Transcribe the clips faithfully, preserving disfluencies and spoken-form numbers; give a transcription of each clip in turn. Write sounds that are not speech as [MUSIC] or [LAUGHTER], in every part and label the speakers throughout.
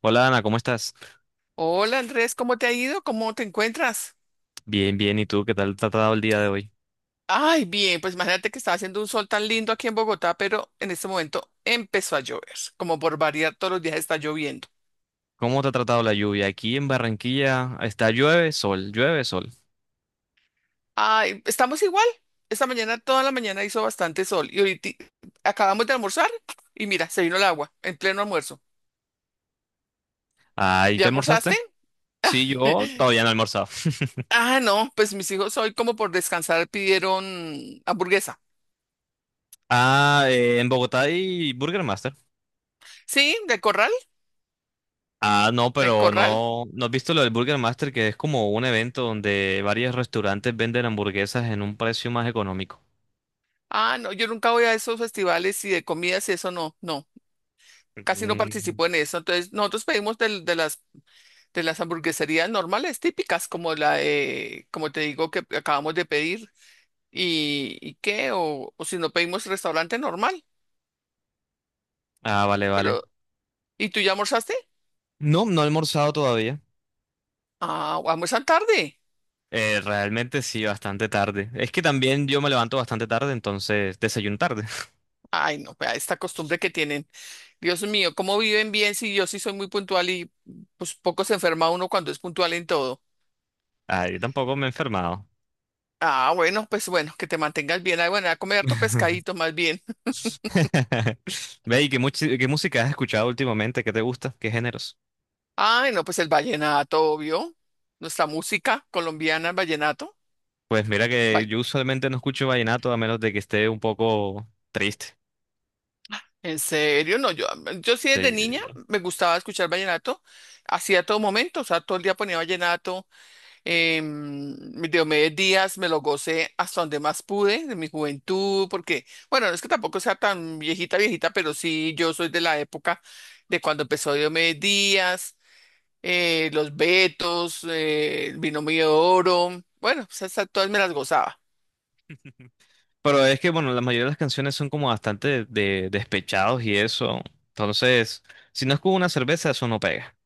Speaker 1: Hola Ana, ¿cómo estás?
Speaker 2: Hola Andrés, ¿cómo te ha ido? ¿Cómo te encuentras?
Speaker 1: Bien, bien. ¿Y tú qué tal te ha tratado el día de hoy?
Speaker 2: Ay, bien, pues imagínate que estaba haciendo un sol tan lindo aquí en Bogotá, pero en este momento empezó a llover. Como por variar, todos los días está lloviendo.
Speaker 1: ¿Cómo te ha tratado la lluvia? Aquí en Barranquilla está llueve, sol, llueve, sol.
Speaker 2: Ay, estamos igual. Esta mañana, toda la mañana hizo bastante sol y ahorita acabamos de almorzar y mira, se vino el agua en pleno almuerzo.
Speaker 1: Ah, ¿y
Speaker 2: ¿Ya
Speaker 1: qué almorzaste?
Speaker 2: almorzaste?
Speaker 1: Sí, yo
Speaker 2: [LAUGHS]
Speaker 1: todavía no he almorzado. [LAUGHS]
Speaker 2: Ah, no, pues mis hijos hoy como por descansar pidieron hamburguesa.
Speaker 1: Ah, eh, en Bogotá hay Burger Master.
Speaker 2: Sí, de corral,
Speaker 1: Ah, no,
Speaker 2: de
Speaker 1: pero
Speaker 2: corral.
Speaker 1: no, ¿no has visto lo del Burger Master, que es como un evento donde varios restaurantes venden hamburguesas en un precio más económico?
Speaker 2: Ah, no, yo nunca voy a esos festivales y de comidas y eso no, no. Casi no
Speaker 1: Mm.
Speaker 2: participó en eso. Entonces, nosotros pedimos del- de, las, de las hamburgueserías normales, típicas, como la, de como te digo, que acabamos de pedir, y, y qué, o, o si no pedimos restaurante normal.
Speaker 1: Ah, vale, vale.
Speaker 2: Pero, ¿y tú ya almorzaste?
Speaker 1: No, no he almorzado todavía.
Speaker 2: Ah, almuerzan tarde.
Speaker 1: Eh, realmente sí, bastante tarde. Es que también yo me levanto bastante tarde, entonces desayuno tarde. [LAUGHS]
Speaker 2: Ay, no, vea esta costumbre que tienen. Dios mío, ¿cómo viven bien si yo sí soy muy puntual y pues poco se enferma uno cuando es puntual en todo?
Speaker 1: Ah, yo tampoco me he enfermado.
Speaker 2: Ah, bueno, pues bueno, que te mantengas bien. Ay, bueno, a comer harto pescadito más bien.
Speaker 1: [LAUGHS] Ve, ¿y qué, muchi- qué música has escuchado últimamente? ¿Qué te gusta? ¿Qué géneros?
Speaker 2: Ay, no, pues el vallenato, obvio. Nuestra música colombiana, el vallenato.
Speaker 1: Pues mira que
Speaker 2: Vay-
Speaker 1: yo usualmente no escucho vallenato a menos de que esté un poco triste.
Speaker 2: En serio, no, yo, yo sí
Speaker 1: Sí.
Speaker 2: desde niña me gustaba escuchar vallenato, así a todo momento, o sea, todo el día ponía vallenato. em, Diomedes Díaz me lo gocé hasta donde más pude, de mi juventud, porque, bueno, no es que tampoco sea tan viejita, viejita, pero sí, yo soy de la época de cuando empezó Diomedes Díaz, eh, los Betos, eh, el binomio de oro. Bueno, pues esas todas me las gozaba.
Speaker 1: Pero es que, bueno, la mayoría de las canciones son como bastante de, despechados y eso. Entonces, si no es con una cerveza, eso no pega.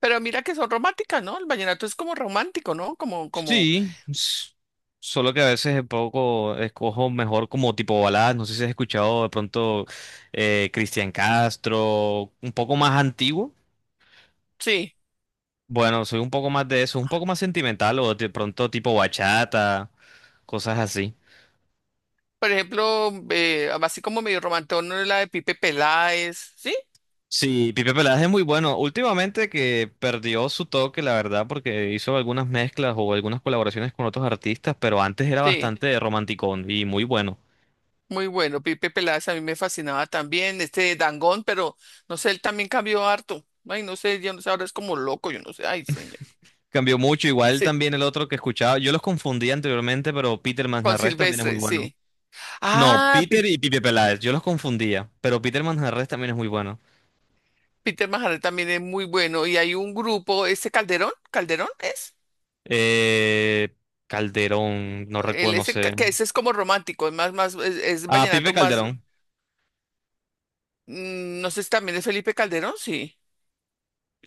Speaker 2: Pero mira que son románticas, ¿no? El vallenato es como romántico, ¿no? Como, como,
Speaker 1: Sí, s- Solo que a veces es poco escojo mejor como tipo baladas. No sé si has escuchado de pronto eh, Cristian Castro, un poco más antiguo.
Speaker 2: sí.
Speaker 1: Bueno, soy un poco más de eso, un poco más sentimental o de pronto tipo bachata, cosas así.
Speaker 2: Por ejemplo, eh, así como medio romantón, ¿no? La de Pipe Peláez, ¿sí?
Speaker 1: Sí, Pipe Peláez es muy bueno. Últimamente que perdió su toque, la verdad, porque hizo algunas mezclas o algunas colaboraciones con otros artistas, pero antes era
Speaker 2: Sí,
Speaker 1: bastante romanticón y muy bueno.
Speaker 2: muy bueno. Pipe Peláez a mí me fascinaba también. Este Dangond, pero no sé, él también cambió harto. Ay, no sé, yo no sé, ahora es como loco, yo no sé. Ay, señor.
Speaker 1: Cambió mucho, igual
Speaker 2: Sí,
Speaker 1: también el otro que escuchaba, yo los confundía anteriormente, pero Peter
Speaker 2: con
Speaker 1: Manjarres también es muy
Speaker 2: Silvestre,
Speaker 1: bueno.
Speaker 2: sí.
Speaker 1: No,
Speaker 2: Ah, Pi-
Speaker 1: Peter y Pipe Peláez, yo los confundía, pero Peter Manjarres también es muy bueno.
Speaker 2: Peter Majarre también es muy bueno. Y hay un grupo, este Calderón, ¿Calderón es?
Speaker 1: Eh, Calderón, no recuerdo,
Speaker 2: El
Speaker 1: no
Speaker 2: ese,
Speaker 1: sé.
Speaker 2: ca- que ese es como romántico, es más, más, es, es
Speaker 1: Ah, Pipe
Speaker 2: vallenato más.
Speaker 1: Calderón.
Speaker 2: Mm, No sé si también es Felipe Calderón, sí.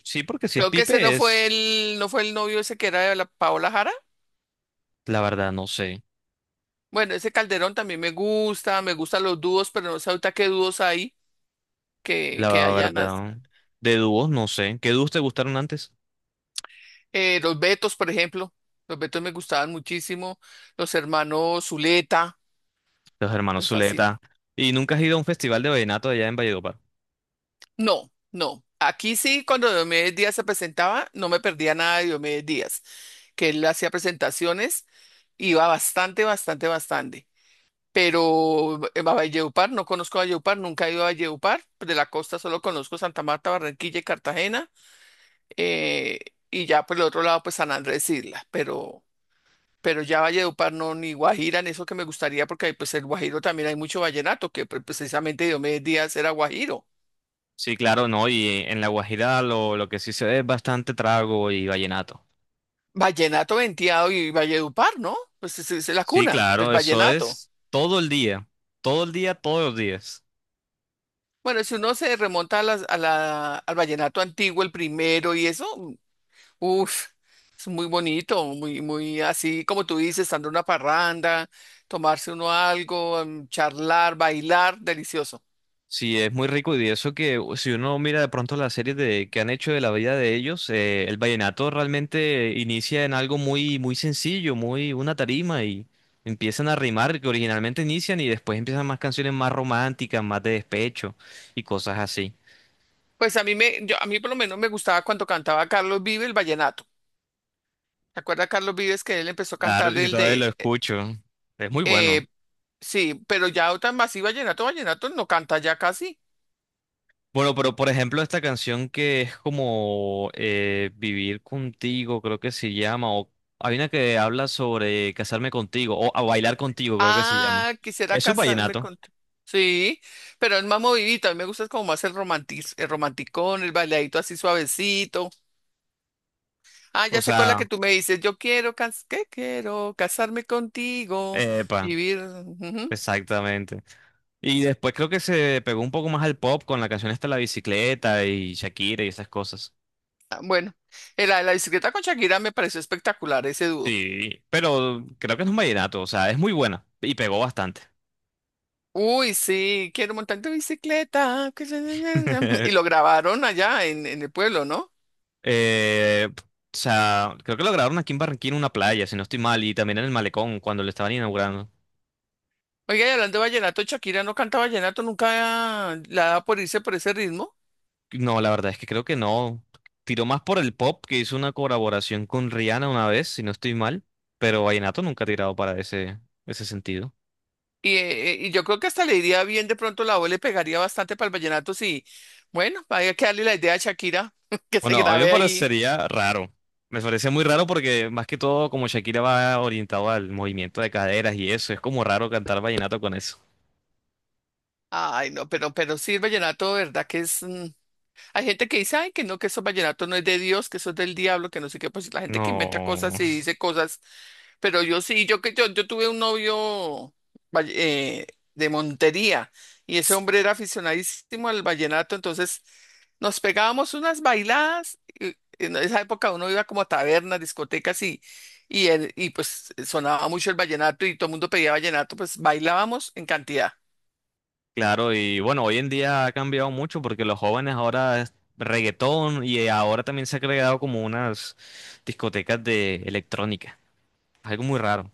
Speaker 1: Sí, porque si es
Speaker 2: Creo que ese no
Speaker 1: Pipe
Speaker 2: fue
Speaker 1: es,
Speaker 2: el, no fue el novio ese que era de la Paola Jara.
Speaker 1: la verdad, no sé.
Speaker 2: Bueno, ese Calderón también me gusta, me gustan los dúos, pero no sé ahorita qué dúos hay que, que
Speaker 1: La
Speaker 2: hayan. as-
Speaker 1: verdad. De dúos, no sé. ¿Qué dúos te gustaron antes?
Speaker 2: eh, los Betos, por ejemplo. Los Betos me gustaban muchísimo. Los hermanos Zuleta,
Speaker 1: Los hermanos
Speaker 2: me fascina.
Speaker 1: Zuleta. ¿Y nunca has ido a un festival de vallenato allá en Valledupar?
Speaker 2: No, no. Aquí sí, cuando Diomedes Díaz se presentaba, no me perdía nada de Diomedes Díaz, que él hacía presentaciones, iba bastante, bastante, bastante. Pero eh, a Valledupar, no conozco Valledupar, nunca he ido a Valledupar, pues, de la costa solo conozco Santa Marta, Barranquilla y Cartagena, eh, y ya por el otro lado pues San Andrés Isla, pero, pero, ya Valledupar no, ni Guajira, ni eso que me gustaría, porque pues el Guajiro también hay mucho vallenato, que pre- precisamente Diomedes Díaz era Guajiro,
Speaker 1: Sí, claro, no, y en La Guajira lo, lo que sí se ve es bastante trago y vallenato.
Speaker 2: vallenato venteado y Valledupar, ¿no? Pues es, es la
Speaker 1: Sí,
Speaker 2: cuna del
Speaker 1: claro, eso
Speaker 2: vallenato.
Speaker 1: es todo el día, todo el día, todos los días.
Speaker 2: Bueno, si uno se remonta a las- a la- al vallenato antiguo, el primero y eso, uf, es muy bonito, muy, muy así como tú dices, andar una parranda, tomarse uno algo, em, charlar, bailar, delicioso.
Speaker 1: Sí, es muy rico y eso que si uno mira de pronto las series de, que han hecho de la vida de ellos, eh, el vallenato realmente inicia en algo muy, muy sencillo, muy una tarima y empiezan a rimar que originalmente inician y después empiezan más canciones más románticas, más de despecho y cosas así.
Speaker 2: Pues a mí me, yo, a mí por lo menos me gustaba cuando cantaba Carlos Vives el vallenato. ¿Te acuerdas Carlos Vives que él empezó a
Speaker 1: Claro,
Speaker 2: cantar
Speaker 1: yo
Speaker 2: el
Speaker 1: todavía lo
Speaker 2: de, eh,
Speaker 1: escucho, es muy bueno.
Speaker 2: eh, sí? Pero ya otra más y vallenato, vallenato no canta ya casi.
Speaker 1: Bueno, pero por ejemplo, esta canción que es como eh, Vivir contigo, creo que se llama, o hay una que habla sobre casarme contigo, o a bailar contigo, creo que se llama.
Speaker 2: Ah, quisiera
Speaker 1: Eso es
Speaker 2: casarme
Speaker 1: vallenato.
Speaker 2: con tu- Sí, pero es más movidito, a mí me gusta como más el romantiz, el romanticón, el bailadito así suavecito. Ah,
Speaker 1: O
Speaker 2: ya sé cuál es la
Speaker 1: sea,
Speaker 2: que tú me dices. Yo quiero, cas- ¿qué quiero? Casarme contigo,
Speaker 1: epa,
Speaker 2: vivir. Ujú.
Speaker 1: exactamente. Y después creo que se pegó un poco más al pop con la canción esta La Bicicleta y Shakira y esas cosas.
Speaker 2: Ah, bueno, eh, la de la bicicleta con Shakira me pareció espectacular ese dúo.
Speaker 1: Sí, pero creo que es un vallenato, o sea, es muy buena y pegó bastante.
Speaker 2: Uy, sí, quiero montar en tu bicicleta. Que se- na- na- na. Y lo
Speaker 1: [LAUGHS]
Speaker 2: grabaron allá en, en el pueblo, ¿no?
Speaker 1: Eh, o sea, creo que lo grabaron aquí en Barranquilla en una playa, si no estoy mal, y también en el Malecón cuando lo estaban inaugurando.
Speaker 2: Oiga, y hablando de vallenato, Shakira no canta vallenato, nunca la da por irse por ese ritmo.
Speaker 1: No, la verdad es que creo que no. Tiró más por el pop, que hizo una colaboración con Rihanna una vez, si no estoy mal, pero Vallenato nunca ha tirado para ese, ese sentido.
Speaker 2: Y, eh, y yo creo que hasta le iría bien, de pronto la voz le pegaría bastante para el vallenato, sí. Bueno, hay que darle la idea a Shakira [LAUGHS] que se
Speaker 1: Bueno, a mí me
Speaker 2: grabe ahí.
Speaker 1: parecería raro. Me parece muy raro porque más que todo como Shakira va orientado al movimiento de caderas y eso, es como raro cantar vallenato con eso.
Speaker 2: Ay, no, pero, pero sí, el vallenato, ¿verdad? Que es. mm, Hay gente que dice, ay, que no, que eso vallenato no es de Dios, que eso es del diablo, que no sé qué. Pues la gente que inventa
Speaker 1: No.
Speaker 2: cosas y dice cosas. Pero yo sí, yo que yo, yo tuve un novio, valle- eh, de Montería, y ese hombre era aficionadísimo al vallenato, entonces nos pegábamos unas bailadas. Y en esa época uno iba como a tabernas, discotecas y, y, el- y pues sonaba mucho el vallenato y todo el mundo pedía vallenato, pues bailábamos en cantidad.
Speaker 1: Claro, y bueno, hoy en día ha cambiado mucho porque los jóvenes ahora es reggaetón y ahora también se ha creado como unas discotecas de electrónica. Algo muy raro.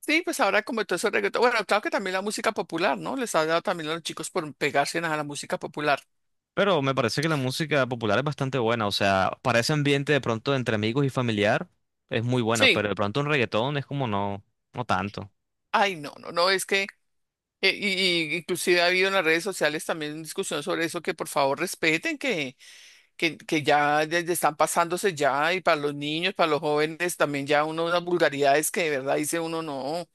Speaker 2: Sí, pues ahora como todo eso reggaetón, bueno, claro que también la música popular, ¿no? Les ha dado también a los chicos por pegarse a la música popular.
Speaker 1: Pero me parece que la música popular es bastante buena. O sea, para ese ambiente de pronto entre amigos y familiar es muy buena,
Speaker 2: Sí,
Speaker 1: pero de pronto un reggaetón es como no, no tanto.
Speaker 2: ay, no, no, no, es que, eh, y, y- inclusive ha habido en las redes sociales también discusión sobre eso, que por favor respeten, que, que, que ya, ya- ya están pasándose ya, y para los niños, para los jóvenes, también ya uno, unas vulgaridades que de verdad dice uno no. O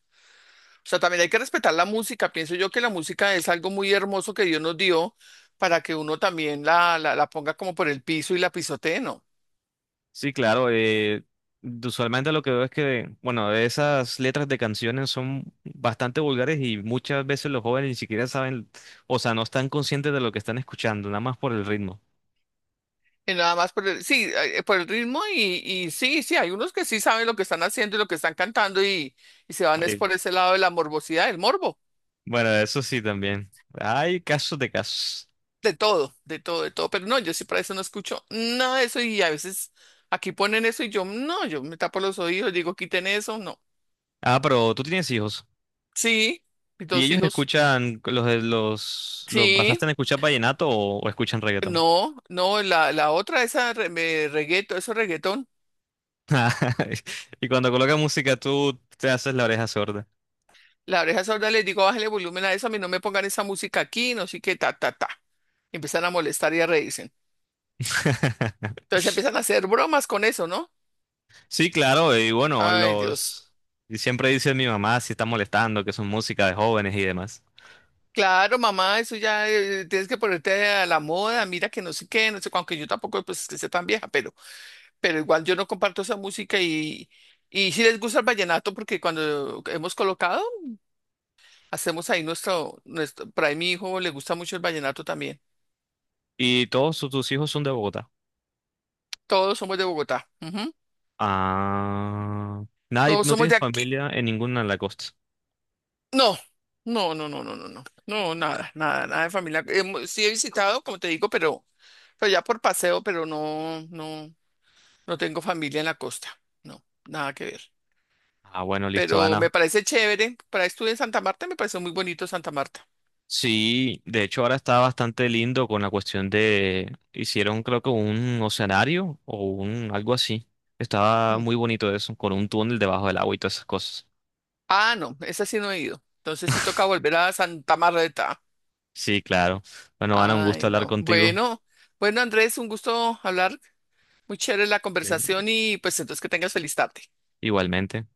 Speaker 2: sea, también hay que respetar la música. Pienso yo que la música es algo muy hermoso que Dios nos dio para que uno también la, la, la ponga como por el piso y la pisotee, ¿no?
Speaker 1: Sí, claro. Eh, usualmente lo que veo es que, bueno, esas letras de canciones son bastante vulgares y muchas veces los jóvenes ni siquiera saben, o sea, no están conscientes de lo que están escuchando, nada más por el ritmo.
Speaker 2: Y nada más por el, sí, eh, por el ritmo y, y sí, sí, hay unos que sí saben lo que están haciendo y lo que están cantando, y, y se van es
Speaker 1: Eh,
Speaker 2: por ese lado de la morbosidad, el morbo,
Speaker 1: bueno, eso sí también. Hay casos de casos.
Speaker 2: de todo, de todo, de todo. Pero no, yo sí para eso no escucho nada de eso y a veces aquí ponen eso y yo, no, yo me tapo los oídos, digo, quiten eso, no.
Speaker 1: Ah, pero tú tienes hijos
Speaker 2: Sí, mis
Speaker 1: y
Speaker 2: dos
Speaker 1: ellos
Speaker 2: hijos,
Speaker 1: escuchan, los, de- los, los basaste
Speaker 2: sí,
Speaker 1: en escuchar vallenato o, o escuchan reggaetón.
Speaker 2: no, no, la, la otra, esa re- me- reggaetón, eso reggaetón.
Speaker 1: [LAUGHS] Y cuando colocan música, tú te haces la oreja sorda.
Speaker 2: La oreja sorda les digo, bájale volumen a eso, a mí no me pongan esa música aquí, no sé qué, ta, ta, ta. Y empiezan a molestar y a reírse.
Speaker 1: [LAUGHS]
Speaker 2: Entonces empiezan a hacer bromas con eso, ¿no?
Speaker 1: Sí, claro, y bueno,
Speaker 2: Ay, Dios.
Speaker 1: los... Y siempre dice mi mamá si está molestando, que son música de jóvenes y demás.
Speaker 2: Claro, mamá, eso ya eh, tienes que ponerte a la moda, mira que no sé qué, no sé, cu- aunque yo tampoco, pues es que sea tan vieja, pero, pero, igual yo no comparto esa música, y, y sí les gusta el vallenato porque cuando hemos colocado, hacemos ahí nuestro, nuestro, por mi hijo le gusta mucho el vallenato también.
Speaker 1: ¿Y todos sus- tus hijos son de Bogotá?
Speaker 2: Todos somos de Bogotá, ujú.
Speaker 1: Ah... Nadie,
Speaker 2: Todos
Speaker 1: no
Speaker 2: somos
Speaker 1: tienes
Speaker 2: de aquí.
Speaker 1: familia en ninguna de la costa.
Speaker 2: No, no, no, no, no, no, no, no, nada, nada, nada de familia. Hemo- sí he visitado, como te digo, pero, pero ya por paseo, pero no, no, no tengo familia en la costa, no, nada que ver.
Speaker 1: Ah, bueno, listo,
Speaker 2: Pero
Speaker 1: Ana.
Speaker 2: me parece chévere, para estuve en Santa Marta, me pareció muy bonito Santa Marta.
Speaker 1: Sí, de hecho ahora está bastante lindo con la cuestión de... Hicieron creo que un oceanario o un algo así. Estaba
Speaker 2: Mm.
Speaker 1: muy bonito eso, con un túnel debajo del agua y todas esas cosas.
Speaker 2: Ah, no, esa sí no he ido, entonces sí toca
Speaker 1: [LAUGHS]
Speaker 2: volver a Santa Marta.
Speaker 1: Sí, claro. Bueno, Ana, un gusto
Speaker 2: Ay,
Speaker 1: hablar
Speaker 2: no,
Speaker 1: contigo.
Speaker 2: bueno, bueno, Andrés, un gusto hablar, muy chévere la
Speaker 1: Bien.
Speaker 2: conversación y pues entonces que tengas feliz tarde.
Speaker 1: Igualmente.